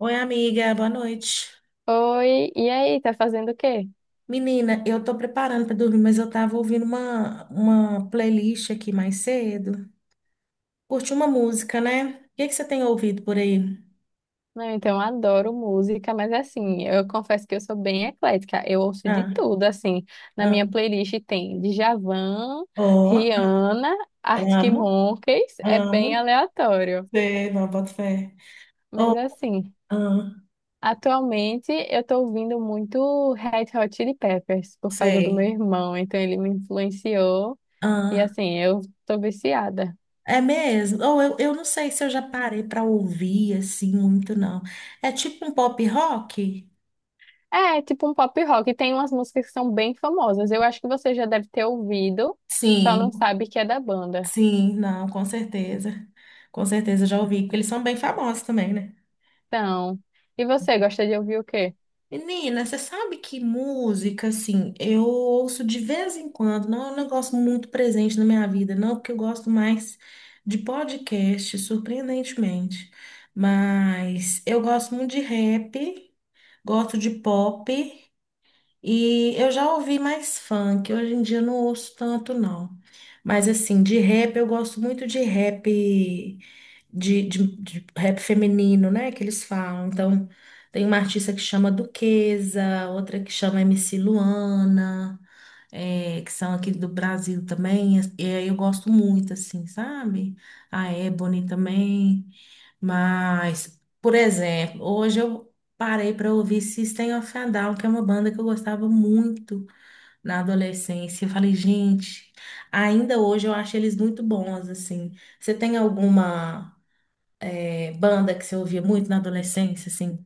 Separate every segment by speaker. Speaker 1: Oi, amiga, boa noite.
Speaker 2: Oi, e aí, tá fazendo o quê?
Speaker 1: Menina, eu tô preparando pra dormir, mas eu tava ouvindo uma playlist aqui mais cedo. Curti uma música, né? O que que você tem ouvido por aí?
Speaker 2: Não, então eu adoro música, mas assim, eu confesso que eu sou bem eclética. Eu ouço de
Speaker 1: Ah,
Speaker 2: tudo, assim. Na
Speaker 1: ah,
Speaker 2: minha playlist tem Djavan,
Speaker 1: ó,
Speaker 2: Rihanna, Arctic
Speaker 1: amo,
Speaker 2: Monkeys, é bem
Speaker 1: amo,
Speaker 2: aleatório.
Speaker 1: sei, não, boto fé.
Speaker 2: Mas
Speaker 1: Oh,
Speaker 2: assim,
Speaker 1: ah,
Speaker 2: atualmente eu tô ouvindo muito Red Hot Chili Peppers por causa do meu
Speaker 1: sei,
Speaker 2: irmão, então ele me influenciou e
Speaker 1: ah,
Speaker 2: assim, eu tô viciada.
Speaker 1: é mesmo. Ou eu não sei se eu já parei pra ouvir assim muito, não. É tipo um pop rock?
Speaker 2: É, tipo um pop rock. Tem umas músicas que são bem famosas. Eu acho que você já deve ter ouvido, só não
Speaker 1: Sim.
Speaker 2: sabe que é da banda.
Speaker 1: Sim, não, com certeza. Com certeza já ouvi, porque eles são bem famosos também, né?
Speaker 2: Então, e você gosta de ouvir o quê?
Speaker 1: Menina, você sabe que música, assim, eu ouço de vez em quando, não é um negócio muito presente na minha vida, não, porque eu gosto mais de podcast, surpreendentemente. Mas eu gosto muito de rap, gosto de pop. E eu já ouvi mais funk, hoje em dia eu não ouço tanto, não. Mas assim, de rap eu gosto muito de rap de rap feminino, né? Que eles falam. Então, tem uma artista que chama Duquesa, outra que chama MC Luana, que são aqui do Brasil também. E aí eu gosto muito, assim, sabe? A Ebony também. Mas, por exemplo, hoje eu parei para ouvir System of a Down, que é uma banda que eu gostava muito na adolescência. Eu falei, gente, ainda hoje eu acho eles muito bons, assim. Você tem alguma banda que você ouvia muito na adolescência, assim?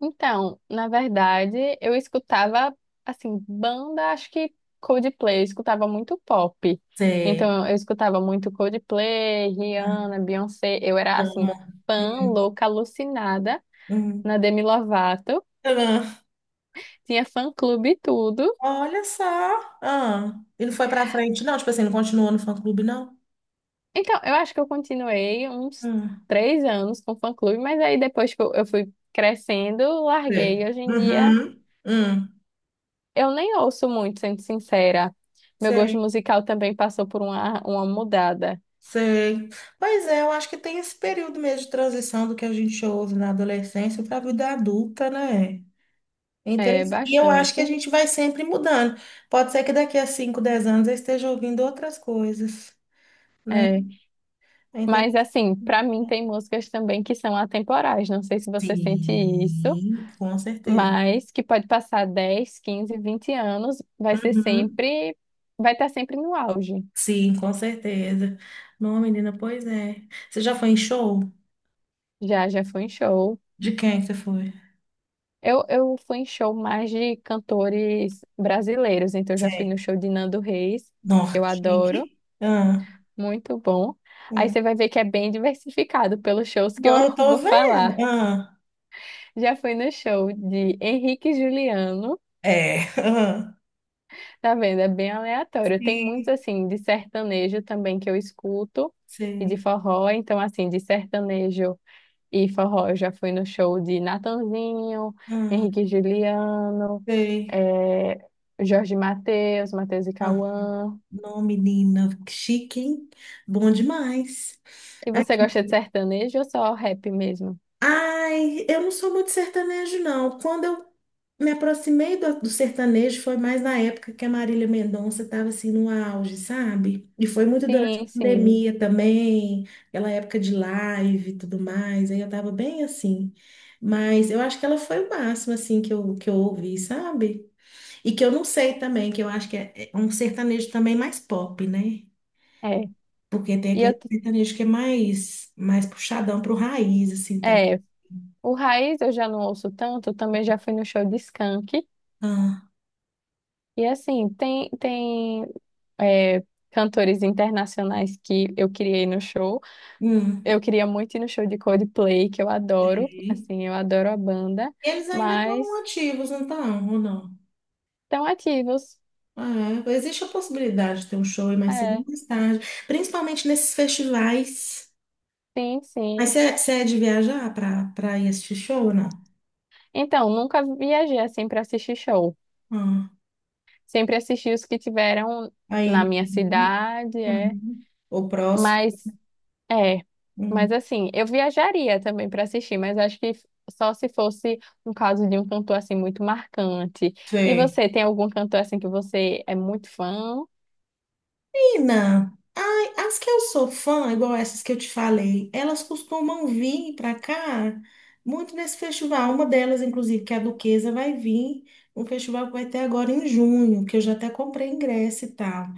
Speaker 2: Então, na verdade, eu escutava, assim, banda, acho que Coldplay, eu escutava muito pop.
Speaker 1: Você
Speaker 2: Então, eu escutava muito Coldplay,
Speaker 1: ah,
Speaker 2: Rihanna, Beyoncé. Eu era,
Speaker 1: ama?
Speaker 2: assim,
Speaker 1: Hum.
Speaker 2: fã louca, alucinada na
Speaker 1: Hum.
Speaker 2: Demi Lovato.
Speaker 1: Ah,
Speaker 2: Tinha fã-clube e tudo.
Speaker 1: olha só. Ah, ele foi pra frente, não? Tipo assim, não continuou no fã-clube, não?
Speaker 2: Então, eu acho que eu continuei uns
Speaker 1: Hum.
Speaker 2: 3 anos com fã-clube, mas aí depois que eu fui crescendo,
Speaker 1: Sei.
Speaker 2: larguei. Hoje em dia,
Speaker 1: Uhum. Hum.
Speaker 2: eu nem ouço muito, sendo sincera. Meu gosto
Speaker 1: Sei.
Speaker 2: musical também passou por uma mudada.
Speaker 1: Sei. Pois é, eu acho que tem esse período mesmo de transição do que a gente ouve na adolescência para a vida adulta, né? É
Speaker 2: É,
Speaker 1: interessante. E eu acho que a
Speaker 2: bastante.
Speaker 1: gente vai sempre mudando. Pode ser que daqui a cinco, dez anos eu esteja ouvindo outras coisas, né?
Speaker 2: É.
Speaker 1: É
Speaker 2: Mas,
Speaker 1: interessante.
Speaker 2: assim, pra mim tem músicas também que são atemporais. Não sei se você sente isso,
Speaker 1: Sim, com certeza.
Speaker 2: mas que pode passar 10 15 20 anos, vai ser
Speaker 1: Uhum.
Speaker 2: sempre, vai estar sempre no auge.
Speaker 1: Sim, com certeza. Não, menina, pois é. Você já foi em show?
Speaker 2: Já, já foi em show.
Speaker 1: De quem é que você foi?
Speaker 2: Eu fui em show mais de cantores brasileiros, então eu já fui
Speaker 1: Sei.
Speaker 2: no show de Nando Reis, que eu
Speaker 1: Norte.
Speaker 2: adoro,
Speaker 1: Ah,
Speaker 2: muito bom. Aí
Speaker 1: hum.
Speaker 2: você vai ver que é bem diversificado pelos shows que
Speaker 1: Não,
Speaker 2: eu
Speaker 1: eu tô
Speaker 2: vou
Speaker 1: vendo.
Speaker 2: falar.
Speaker 1: Ah.
Speaker 2: Já fui no show de Henrique e Juliano,
Speaker 1: É. Aham.
Speaker 2: tá vendo? É bem aleatório. Tem muitos,
Speaker 1: Sim,
Speaker 2: assim, de sertanejo também que eu escuto, e de
Speaker 1: sei.
Speaker 2: forró, então, assim, de sertanejo. E forró, eu já fui no show de Natanzinho,
Speaker 1: Ah,
Speaker 2: Henrique e Juliano,
Speaker 1: sei.
Speaker 2: eh, Jorge Mateus, Mateus e
Speaker 1: Ah,
Speaker 2: Cauã.
Speaker 1: não, menina, que chique, hein? Bom demais.
Speaker 2: E você
Speaker 1: Aqui.
Speaker 2: gosta de sertanejo ou só rap mesmo?
Speaker 1: Ai, eu não sou muito sertanejo, não. Quando eu me aproximei do sertanejo, foi mais na época que a Marília Mendonça estava assim no auge, sabe? E foi muito durante a
Speaker 2: Sim, sim.
Speaker 1: pandemia também, aquela época de live e tudo mais. Aí eu tava bem assim. Mas eu acho que ela foi o máximo assim que eu ouvi, sabe? E que eu não sei também, que eu acho que é um sertanejo também mais pop, né?
Speaker 2: É.
Speaker 1: Porque tem
Speaker 2: E eu,
Speaker 1: aquele sertanejo que é mais, mais puxadão pro raiz, assim, também.
Speaker 2: é, o Raiz eu já não ouço tanto, também já fui no show de Skank.
Speaker 1: Ah,
Speaker 2: E assim, tem é, cantores internacionais que eu queria ir no show.
Speaker 1: hum.
Speaker 2: Eu queria muito ir no show de Coldplay, que eu adoro.
Speaker 1: E
Speaker 2: Assim, eu adoro a banda.
Speaker 1: eles ainda estão
Speaker 2: Mas
Speaker 1: ativos, não estão, ou não?
Speaker 2: estão ativos.
Speaker 1: Ah, é. Existe a possibilidade de ter um show aí mais cedo ou
Speaker 2: É,
Speaker 1: mais tarde, principalmente nesses festivais.
Speaker 2: sim,
Speaker 1: Mas
Speaker 2: sim.
Speaker 1: você é de viajar para ir assistir show ou não?
Speaker 2: Então, nunca viajei assim para assistir show.
Speaker 1: Ah,
Speaker 2: Sempre assisti os que tiveram
Speaker 1: aí,
Speaker 2: na
Speaker 1: né?
Speaker 2: minha cidade, é.
Speaker 1: Uhum. O próximo.
Speaker 2: Mas, é. Mas
Speaker 1: Hum.
Speaker 2: assim, eu viajaria também para assistir, mas acho que só se fosse um caso de um cantor assim muito marcante. E
Speaker 1: Sim.
Speaker 2: você, tem algum cantor assim que você é muito fã?
Speaker 1: Menina, ai, as que eu sou fã, igual essas que eu te falei, elas costumam vir para cá muito nesse festival. Uma delas, inclusive, que é a Duquesa, vai vir. Um festival que vai ter agora em junho, que eu já até comprei ingresso e tal.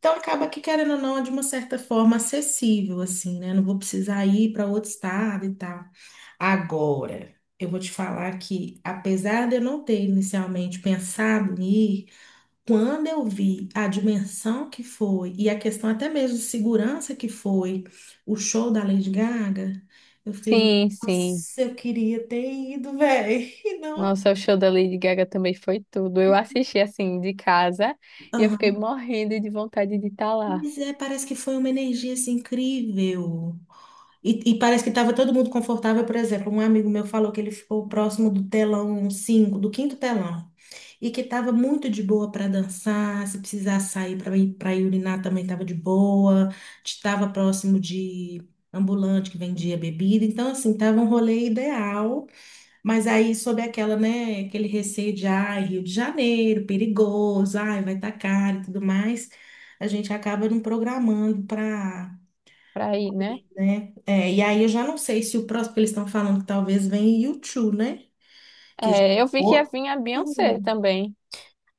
Speaker 1: Então acaba que, querendo ou não, é de uma certa forma acessível, assim, né? Não vou precisar ir para outro estado e tal. Agora, eu vou te falar que, apesar de eu não ter inicialmente pensado em ir, quando eu vi a dimensão que foi e a questão até mesmo de segurança que foi o show da Lady Gaga, eu fiquei,
Speaker 2: Sim, sim.
Speaker 1: nossa, eu queria ter ido, velho. Não.
Speaker 2: Nossa, o show da Lady Gaga também foi tudo. Eu assisti assim de casa e eu fiquei
Speaker 1: Aham.
Speaker 2: morrendo de vontade de estar lá.
Speaker 1: Mas é, parece que foi uma energia assim, incrível. E parece que estava todo mundo confortável, por exemplo, um amigo meu falou que ele ficou próximo do telão 5, do quinto telão, e que estava muito de boa para dançar, se precisar sair para ir para urinar também estava de boa, estava próximo de ambulante que vendia bebida, então assim, estava um rolê ideal, mas aí sob aquela, né, aquele receio de, ai, Rio de Janeiro, perigoso, ai, vai estar caro e tudo mais, a gente acaba não programando para
Speaker 2: Pra ir, né?
Speaker 1: né? É, e aí eu já não sei se o próximo, que eles estão falando que talvez venha U2, né? Que já
Speaker 2: É, eu vi que ia
Speaker 1: outro
Speaker 2: vir a
Speaker 1: rolê.
Speaker 2: Beyoncé também.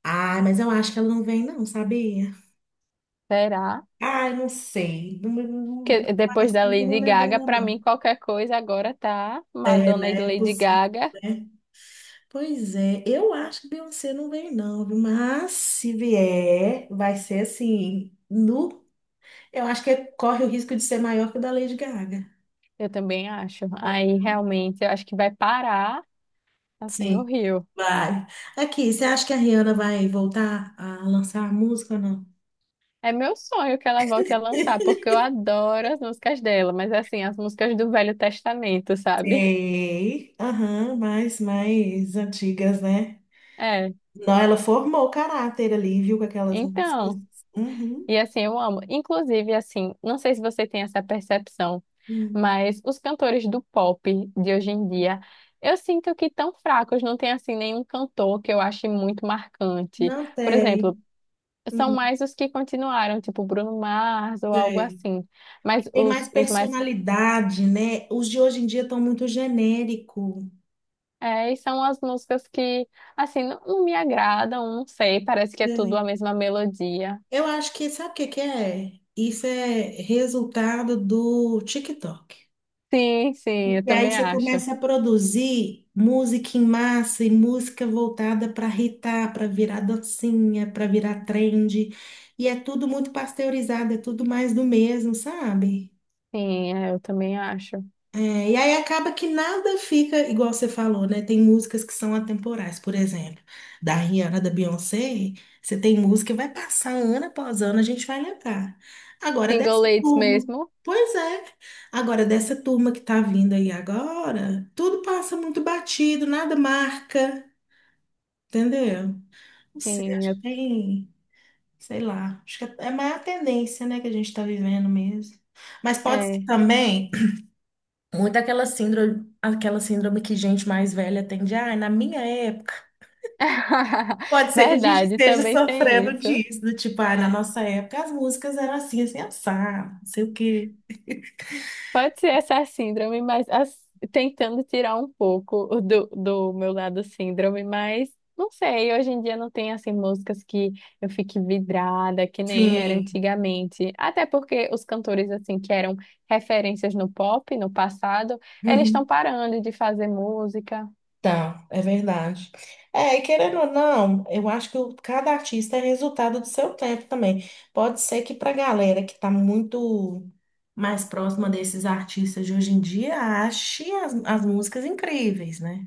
Speaker 1: Ah, mas eu acho que ela não vem, não, sabia?
Speaker 2: Será?
Speaker 1: Ah, eu não sei. Não,
Speaker 2: Porque depois
Speaker 1: parece
Speaker 2: da
Speaker 1: muito o
Speaker 2: Lady
Speaker 1: rolê
Speaker 2: Gaga,
Speaker 1: dela,
Speaker 2: pra
Speaker 1: não.
Speaker 2: mim qualquer coisa agora tá
Speaker 1: É,
Speaker 2: Madonna e
Speaker 1: né? É
Speaker 2: Lady
Speaker 1: possível,
Speaker 2: Gaga.
Speaker 1: né? Pois é, eu acho que Beyoncé não vem, não, viu? Mas se vier, vai ser assim, no. Eu acho que corre o risco de ser maior que o da Lady Gaga.
Speaker 2: Eu também acho. Aí realmente eu acho que vai parar assim o
Speaker 1: Sim.
Speaker 2: Rio.
Speaker 1: Vai. Aqui, você acha que a Rihanna vai voltar a lançar música ou não?
Speaker 2: É meu sonho que ela volte a lançar, porque eu adoro as músicas dela, mas assim, as músicas do Velho Testamento, sabe?
Speaker 1: Sei. Aham, mais, mais antigas, né?
Speaker 2: É.
Speaker 1: Não, ela formou o caráter ali, viu, com aquelas músicas.
Speaker 2: Então,
Speaker 1: Uhum.
Speaker 2: e assim, eu amo. Inclusive, assim, não sei se você tem essa percepção,
Speaker 1: Hum.
Speaker 2: mas os cantores do pop de hoje em dia, eu sinto que tão fracos, não tem assim nenhum cantor que eu ache muito marcante.
Speaker 1: Não
Speaker 2: Por
Speaker 1: tem.
Speaker 2: exemplo, são
Speaker 1: Não
Speaker 2: mais os que continuaram, tipo Bruno Mars ou algo
Speaker 1: tem.
Speaker 2: assim.
Speaker 1: Que
Speaker 2: Mas
Speaker 1: tem mais
Speaker 2: os mais.
Speaker 1: personalidade, né? Os de hoje em dia estão muito genérico.
Speaker 2: É, e são as músicas que, assim, não, não me agradam, não sei, parece que é tudo a
Speaker 1: Tem.
Speaker 2: mesma melodia.
Speaker 1: Eu acho que, sabe o que que é? Isso é resultado do TikTok.
Speaker 2: Sim, sim, eu
Speaker 1: Porque aí
Speaker 2: também
Speaker 1: você
Speaker 2: acho.
Speaker 1: começa a produzir música em massa e música voltada para hitar, para virar dancinha, para virar trend. E é tudo muito pasteurizado, é tudo mais do mesmo, sabe?
Speaker 2: Sim, é, eu também acho.
Speaker 1: É, e aí acaba que nada fica igual você falou, né? Tem músicas que são atemporais, por exemplo, da Rihanna, da Beyoncé, você tem música que vai passar ano após ano, a gente vai lembrar. Agora
Speaker 2: Single
Speaker 1: dessa
Speaker 2: Ladies
Speaker 1: turma,
Speaker 2: mesmo.
Speaker 1: pois é, agora dessa turma que tá vindo aí agora, tudo passa muito batido, nada marca, entendeu? Não sei,
Speaker 2: Sim, é.
Speaker 1: acho que tem, sei lá, acho que é mais a tendência, né, que a gente tá vivendo mesmo. Mas pode ser
Speaker 2: É.
Speaker 1: também muito aquela síndrome que gente mais velha tem de, ah, na minha época. Pode ser que a gente
Speaker 2: Verdade,
Speaker 1: esteja
Speaker 2: também tem
Speaker 1: sofrendo
Speaker 2: isso.
Speaker 1: disso, do tipo, ah, na nossa época as músicas eram assim, assim, assado, não sei o quê.
Speaker 2: Pode ser essa síndrome, mas tentando tirar um pouco o do meu lado síndrome, mas não sei, hoje em dia não tem assim músicas que eu fique vidrada, que nem era
Speaker 1: Sim.
Speaker 2: antigamente. Até porque os cantores assim que eram referências no pop no passado, eles estão
Speaker 1: Uhum.
Speaker 2: parando de fazer música.
Speaker 1: Tá, é verdade. É, e querendo ou não, eu acho que o- cada artista é resultado do seu tempo também. Pode ser que pra galera que tá muito mais próxima desses artistas de hoje em dia, ache as músicas incríveis, né?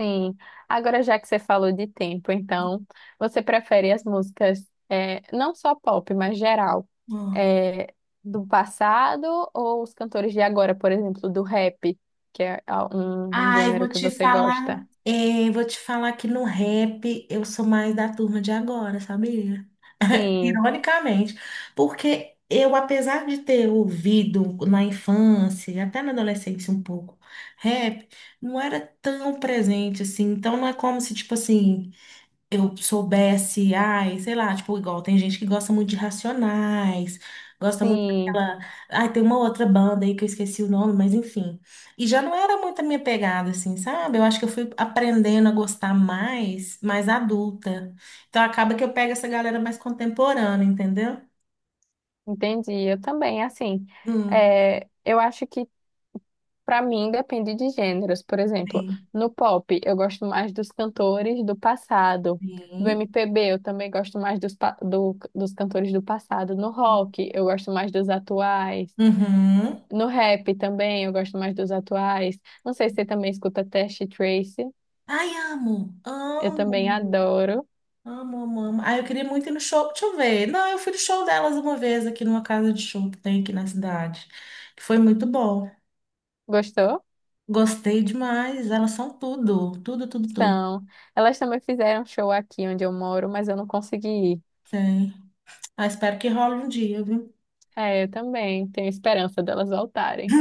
Speaker 2: Sim. Agora, já que você falou de tempo, então, você prefere as músicas, não só pop, mas geral, é, do passado ou os cantores de agora, por exemplo, do rap, que é um
Speaker 1: Ai,
Speaker 2: gênero
Speaker 1: vou
Speaker 2: que
Speaker 1: te
Speaker 2: você
Speaker 1: falar.
Speaker 2: gosta?
Speaker 1: Vou te falar que no rap eu sou mais da turma de agora, sabia?
Speaker 2: Sim,
Speaker 1: Ironicamente, porque eu, apesar de ter ouvido na infância, e até na adolescência um pouco, rap, não era tão presente assim. Então não é como se, tipo assim eu soubesse, ai, sei lá, tipo, igual tem gente que gosta muito de Racionais, gosta muito
Speaker 2: sim,
Speaker 1: daquela. Ai, tem uma outra banda aí que eu esqueci o nome, mas enfim. E já não era muito a minha pegada, assim, sabe? Eu acho que eu fui aprendendo a gostar mais, mais adulta. Então acaba que eu pego essa galera mais contemporânea, entendeu?
Speaker 2: entendi. Eu também, assim,
Speaker 1: Hum,
Speaker 2: eu acho que pra mim, depende de gêneros. Por exemplo,
Speaker 1: sim,
Speaker 2: no pop, eu gosto mais dos cantores do passado. Do
Speaker 1: sim.
Speaker 2: MPB, eu também gosto mais dos cantores do passado. No rock, eu gosto mais dos atuais.
Speaker 1: Uhum.
Speaker 2: No rap também, eu gosto mais dos atuais. Não sei se você também escuta Test Tracy.
Speaker 1: Ai, amo,
Speaker 2: Eu também
Speaker 1: amo.
Speaker 2: adoro.
Speaker 1: Amo, amo, amo. Ah, eu queria muito ir no show. Deixa eu ver. Não, eu fui no show delas uma vez aqui numa casa de show que tem aqui na cidade. Que foi muito bom.
Speaker 2: Gostou?
Speaker 1: Gostei demais. Elas são tudo. Tudo, tudo, tudo.
Speaker 2: Então, elas também fizeram show aqui onde eu moro, mas eu não consegui ir.
Speaker 1: Tem. Ah, espero que role um dia, viu?
Speaker 2: É, eu também tenho esperança delas voltarem.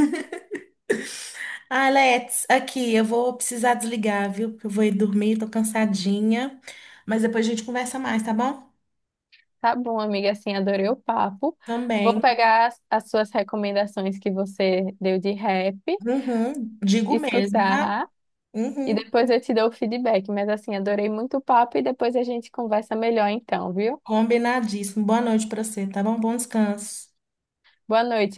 Speaker 1: Ah, Let's, aqui, eu vou precisar desligar, viu? Porque eu vou ir dormir, tô cansadinha. Mas depois a gente conversa mais, tá bom?
Speaker 2: Tá bom, amiga, assim, adorei o papo. Vou
Speaker 1: Também.
Speaker 2: pegar as suas recomendações que você deu de rap,
Speaker 1: Uhum. Digo mesmo, tá?
Speaker 2: escutar e
Speaker 1: Uhum.
Speaker 2: depois eu te dou o feedback. Mas assim, adorei muito o papo e depois a gente conversa melhor então, viu?
Speaker 1: Combinadíssimo. Boa noite pra você, tá bom? Bom descanso.
Speaker 2: Boa noite.